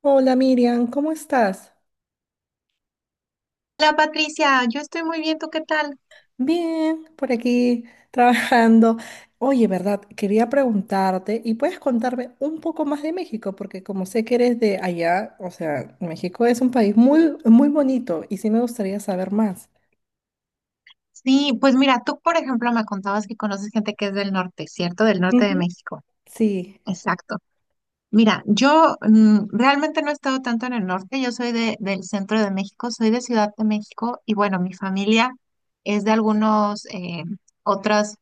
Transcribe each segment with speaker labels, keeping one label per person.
Speaker 1: Hola Miriam, ¿cómo estás?
Speaker 2: Hola Patricia, yo estoy muy bien, ¿tú qué tal?
Speaker 1: Bien, por aquí trabajando. Oye, ¿verdad? Quería preguntarte y puedes contarme un poco más de México, porque como sé que eres de allá, o sea, México es un país muy bonito y sí me gustaría saber más.
Speaker 2: Sí, pues mira, tú por ejemplo me contabas que conoces gente que es del norte, ¿cierto? Del norte de
Speaker 1: Ujú.
Speaker 2: México.
Speaker 1: Sí,
Speaker 2: Exacto. Mira, yo realmente no he estado tanto en el norte. Yo soy del centro de México, soy de Ciudad de México, y bueno, mi familia es de algunos otros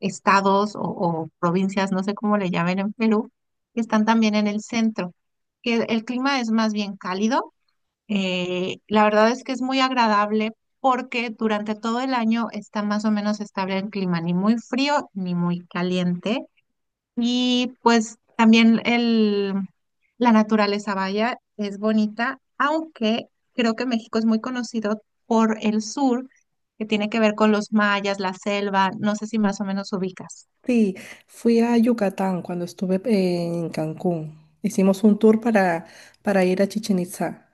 Speaker 2: estados o provincias, no sé cómo le llamen en Perú, que están también en el centro, que el clima es más bien cálido.
Speaker 1: mm,
Speaker 2: La verdad es que es muy agradable porque durante todo el año está más o menos estable el clima, ni muy frío ni muy caliente. Y pues también la naturaleza, vaya, es bonita, aunque creo que México es muy conocido por el sur, que tiene que ver con los mayas, la selva, no sé si más o menos ubicas.
Speaker 1: sí, fui a Yucatán cuando estuve en Cancún. Hicimos un tour para ir a Chichén Itzá.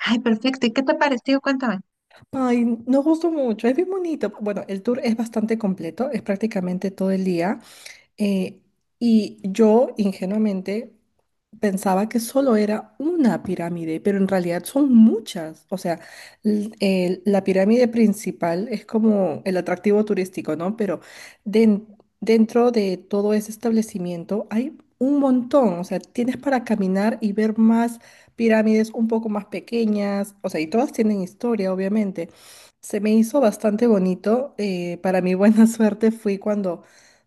Speaker 2: Ay, perfecto. ¿Y qué te pareció? Cuéntame.
Speaker 1: Ay, nos gustó mucho, es bien bonito. Bueno, el tour es bastante completo, es prácticamente todo el día. Eh, y yo ingenuamente pensaba que solo era una pirámide, pero en realidad son muchas. O sea, la pirámide principal es como el atractivo turístico, ¿no? Pero den- dentro de todo ese establecimiento hay un montón. O sea, tienes para caminar y ver más pirámides un poco más pequeñas. O sea, y todas tienen historia, obviamente. Se me hizo bastante bonito. Para mi buena suerte fui cuando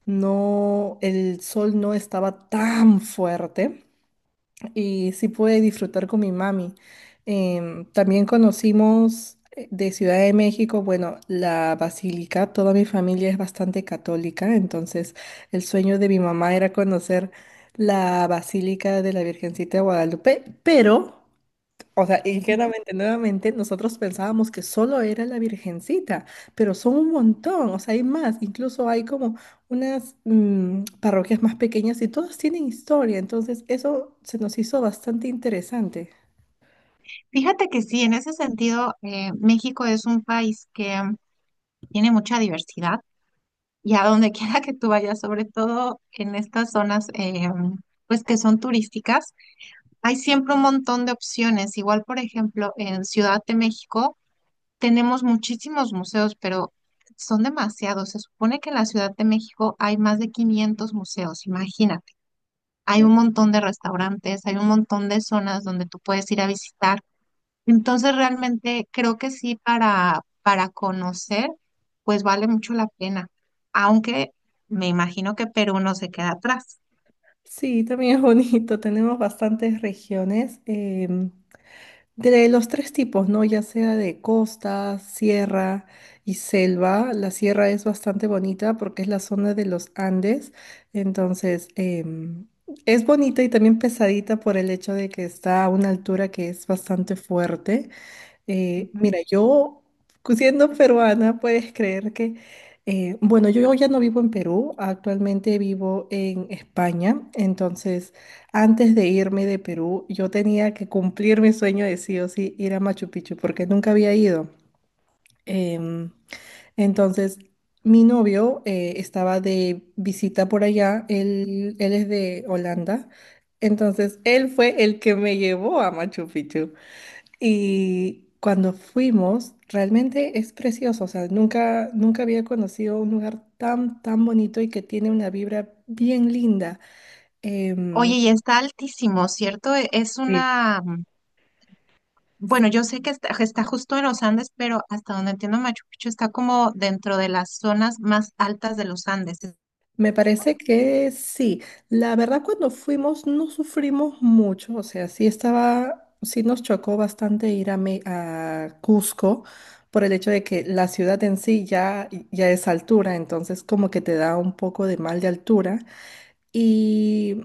Speaker 1: no, el sol no estaba tan fuerte y sí pude disfrutar con mi mami. También conocimos de Ciudad de México, bueno, la basílica. Toda mi familia es bastante católica, entonces el sueño de mi mamá era conocer la basílica de la Virgencita de Guadalupe, pero o sea,
Speaker 2: Ujú.
Speaker 1: ingenuamente, nuevamente, nosotros pensábamos que solo era la Virgencita, pero son un montón, o sea, hay más, incluso hay como unas parroquias más pequeñas y todas tienen historia, entonces eso se nos hizo bastante interesante.
Speaker 2: Fíjate que sí, en ese sentido, México es un país que tiene mucha diversidad, y a donde quiera que tú vayas, sobre todo en estas zonas pues que son turísticas, hay siempre un montón de opciones. Igual, por ejemplo, en Ciudad de México tenemos muchísimos museos, pero son demasiados. Se supone que en la Ciudad de México hay más de 500 museos, imagínate. Hay un montón de restaurantes, hay un montón de zonas donde tú puedes ir a visitar. Entonces realmente creo que sí, para conocer, pues vale mucho la pena, aunque me imagino que Perú no se queda atrás.
Speaker 1: Sí, también es bonito, tenemos bastantes regiones. De los tres tipos, ¿no? Ya sea de costa, sierra y selva. La sierra es bastante bonita porque es la zona de los Andes. Entonces, es bonita y también pesadita por el hecho de que está a una altura que es bastante fuerte.
Speaker 2: Ujú.
Speaker 1: Mira, yo siendo peruana, puedes creer que, bueno, yo ya no vivo en Perú, actualmente vivo en España, entonces antes de irme de Perú, yo tenía que cumplir mi sueño de sí o sí ir a Machu Picchu, porque nunca había ido. Em, entonces, mi novio estaba de visita por allá, él es de Holanda, entonces él fue el que me llevó a Machu Picchu. Y cuando fuimos, realmente es precioso, o sea, nunca había conocido un lugar tan bonito y que tiene una vibra bien linda. Em,
Speaker 2: Oye, y está altísimo, ¿cierto? Es
Speaker 1: Sí.
Speaker 2: una, bueno, yo sé que está justo en los Andes, pero hasta donde entiendo Machu Picchu está como dentro de las zonas más altas de los Andes.
Speaker 1: Me parece que sí. La verdad, cuando fuimos no sufrimos mucho, o sea, sí nos chocó bastante ir a, a Cusco por el hecho de que la ciudad en sí ya es altura, entonces como que te da un poco de mal de altura. y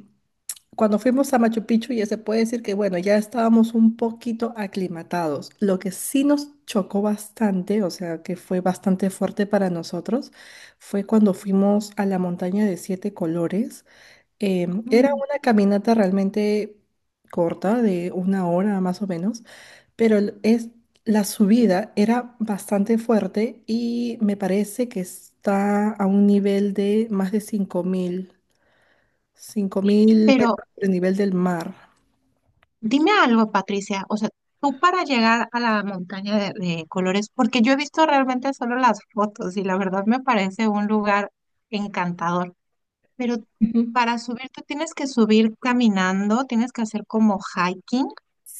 Speaker 1: Cuando fuimos a Machu Picchu, ya se puede decir que, bueno, ya estábamos un poquito aclimatados. Lo que sí nos chocó bastante, o sea, que fue bastante fuerte para nosotros, fue cuando fuimos a la montaña de siete colores. Era
Speaker 2: Mm,
Speaker 1: una caminata realmente corta, de una hora más o menos, pero la subida era bastante fuerte y me parece que está a un nivel de más de 5.000
Speaker 2: Pero,
Speaker 1: metros sobre el nivel del mar.
Speaker 2: dime algo, Patricia, o sea, tú para llegar a la montaña de colores, porque yo he visto realmente solo las fotos y la verdad me parece un lugar encantador, pero
Speaker 1: Ujú.
Speaker 2: para subir tú tienes que subir caminando, tienes que hacer como hiking,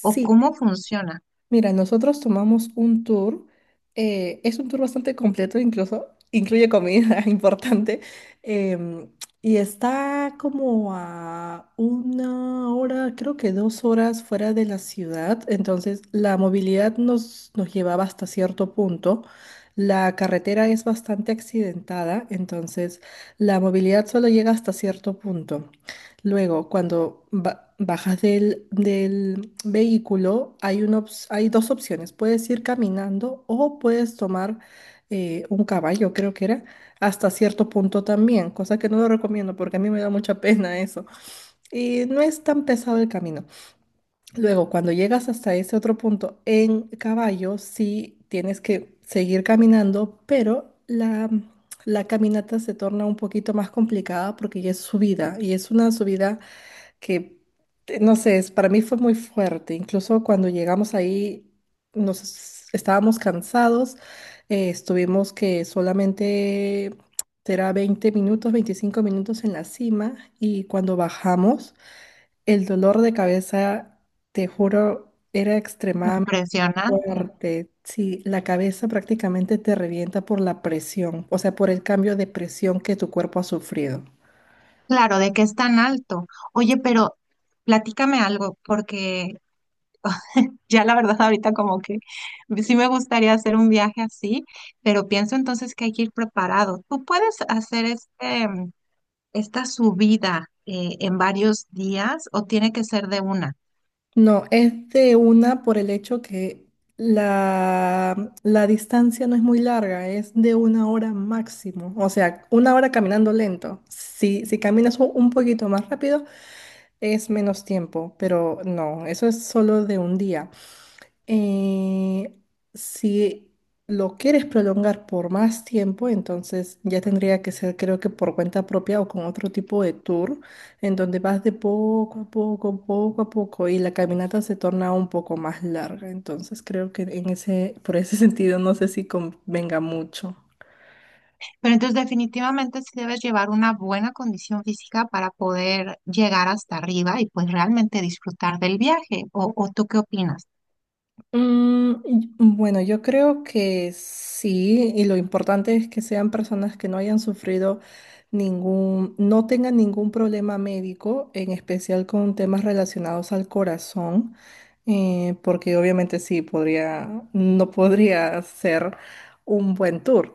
Speaker 2: o cómo funciona.
Speaker 1: mira, nosotros tomamos un tour, es un tour bastante completo, incluso incluye comida importante, em, y está como a una hora, creo que dos horas fuera de la ciudad, entonces la movilidad nos llevaba hasta cierto punto. La carretera es bastante accidentada, entonces la movilidad solo llega hasta cierto punto. Luego, cuando bajas del vehículo, hay dos opciones. Puedes ir caminando o puedes tomar un caballo, creo que era, hasta cierto punto también, cosa que no lo recomiendo porque a mí me da mucha pena eso. Y no es tan pesado el camino. Luego, cuando llegas hasta ese otro punto en caballo, sí tienes que seguir caminando, pero la caminata se torna un poquito más complicada porque ya es subida y es una subida que, no sé, para mí fue muy fuerte. Incluso cuando llegamos ahí, estábamos cansados, estuvimos que solamente será 20 minutos, 25 minutos en la cima y cuando bajamos, el dolor de cabeza, te juro, era extremadamente
Speaker 2: Impresionante.
Speaker 1: fuerte. Sí, la cabeza prácticamente te revienta por la presión, o sea, por el cambio de presión que tu cuerpo ha sufrido.
Speaker 2: Claro, de que es tan alto. Oye, pero platícame algo, porque ya la verdad ahorita como que sí me gustaría hacer un viaje así, pero pienso entonces que hay que ir preparado. Tú puedes hacer esta subida en varios días, o tiene que ser de una.
Speaker 1: No, es de una por el hecho que la distancia no es muy larga, es de una hora máximo. O sea, una hora caminando lento. Si caminas un poquito más rápido, es menos tiempo, pero no, eso es solo de un día. Eh, si lo quieres prolongar por más tiempo, entonces ya tendría que ser, creo que por cuenta propia o con otro tipo de tour, en donde vas de poco a poco, y la caminata se torna un poco más larga. Entonces creo que por ese sentido, no sé si convenga mucho.
Speaker 2: Pero entonces definitivamente sí debes llevar una buena condición física para poder llegar hasta arriba y pues realmente disfrutar del viaje. ¿O tú qué opinas?
Speaker 1: Mm, bueno, yo creo que sí, y lo importante es que sean personas que no hayan sufrido no tengan ningún problema médico, en especial con temas relacionados al corazón, porque obviamente sí, no podría ser un buen tour.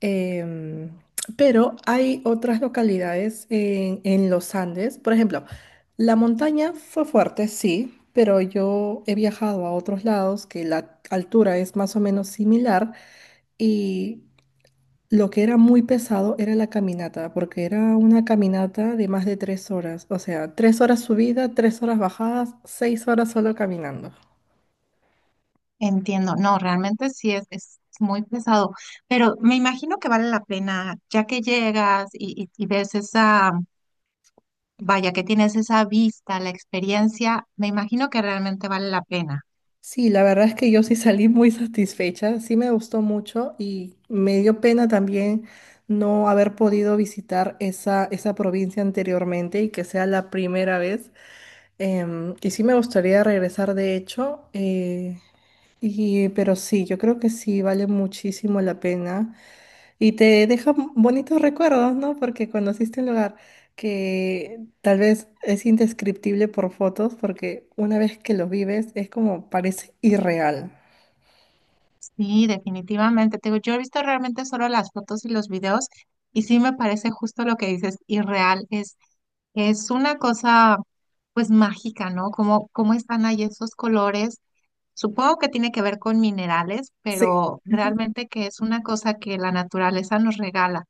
Speaker 1: Em, pero hay otras localidades en los Andes. Por ejemplo, la montaña fue fuerte, sí, pero yo he viajado a otros lados que la altura es más o menos similar y lo que era muy pesado era la caminata, porque era una caminata de más de 3 horas. O sea, 3 horas subida, 3 horas bajadas, 6 horas solo caminando.
Speaker 2: Entiendo, no, realmente sí es muy pesado, pero me imagino que vale la pena ya que llegas y ves esa, vaya, que tienes esa vista, la experiencia, me imagino que realmente vale la pena.
Speaker 1: Sí, la verdad es que yo sí salí muy satisfecha, sí me gustó mucho y me dio pena también no haber podido visitar esa provincia anteriormente y que sea la primera vez. Y sí me gustaría regresar de hecho, pero sí, yo creo que sí vale muchísimo la pena. Y te deja bonitos recuerdos, ¿no? Porque conociste un lugar que tal vez es indescriptible por fotos, porque una vez que lo vives es como parece irreal.
Speaker 2: Sí, definitivamente. Te digo, yo he visto realmente solo las fotos y los videos, y sí me parece justo lo que dices, irreal. Es una cosa pues mágica, ¿no? Cómo están ahí esos colores. Supongo que tiene que ver con minerales,
Speaker 1: Sí,
Speaker 2: pero realmente que es una cosa que la naturaleza nos regala.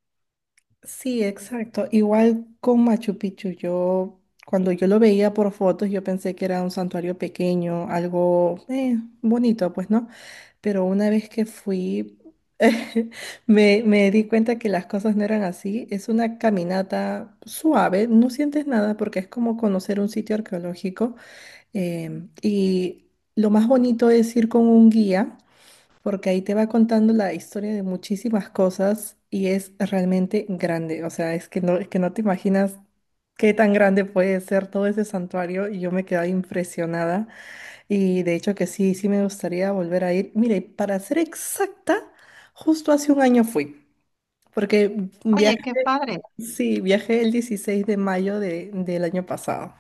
Speaker 1: sí, exacto. Igual con Machu Picchu, yo cuando yo lo veía por fotos, yo pensé que era un santuario pequeño, algo bonito, pues, ¿no? Pero una vez que fui, me di cuenta que las cosas no eran así. Es una caminata suave, no sientes nada porque es como conocer un sitio arqueológico. Y lo más bonito es ir con un guía, porque ahí te va contando la historia de muchísimas cosas y es realmente grande. O sea, es que no te imaginas qué tan grande puede ser todo ese santuario y yo me quedé impresionada. Y de hecho que sí, sí me gustaría volver a ir. Mire, para ser exacta, justo hace un año fui, porque
Speaker 2: Oye,
Speaker 1: viajé,
Speaker 2: qué padre.
Speaker 1: sí, viajé el 16 de mayo del año pasado.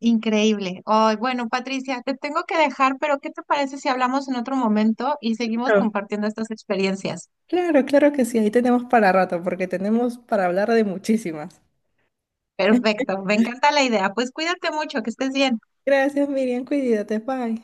Speaker 2: Increíble. Ay, bueno, Patricia, te tengo que dejar, pero ¿qué te parece si hablamos en otro momento y seguimos
Speaker 1: No.
Speaker 2: compartiendo estas experiencias?
Speaker 1: Claro, claro que sí, ahí tenemos para rato, porque tenemos para hablar de muchísimas.
Speaker 2: Perfecto, me encanta la idea. Pues cuídate mucho, que estés bien.
Speaker 1: Gracias, Miriam, cuídate, bye.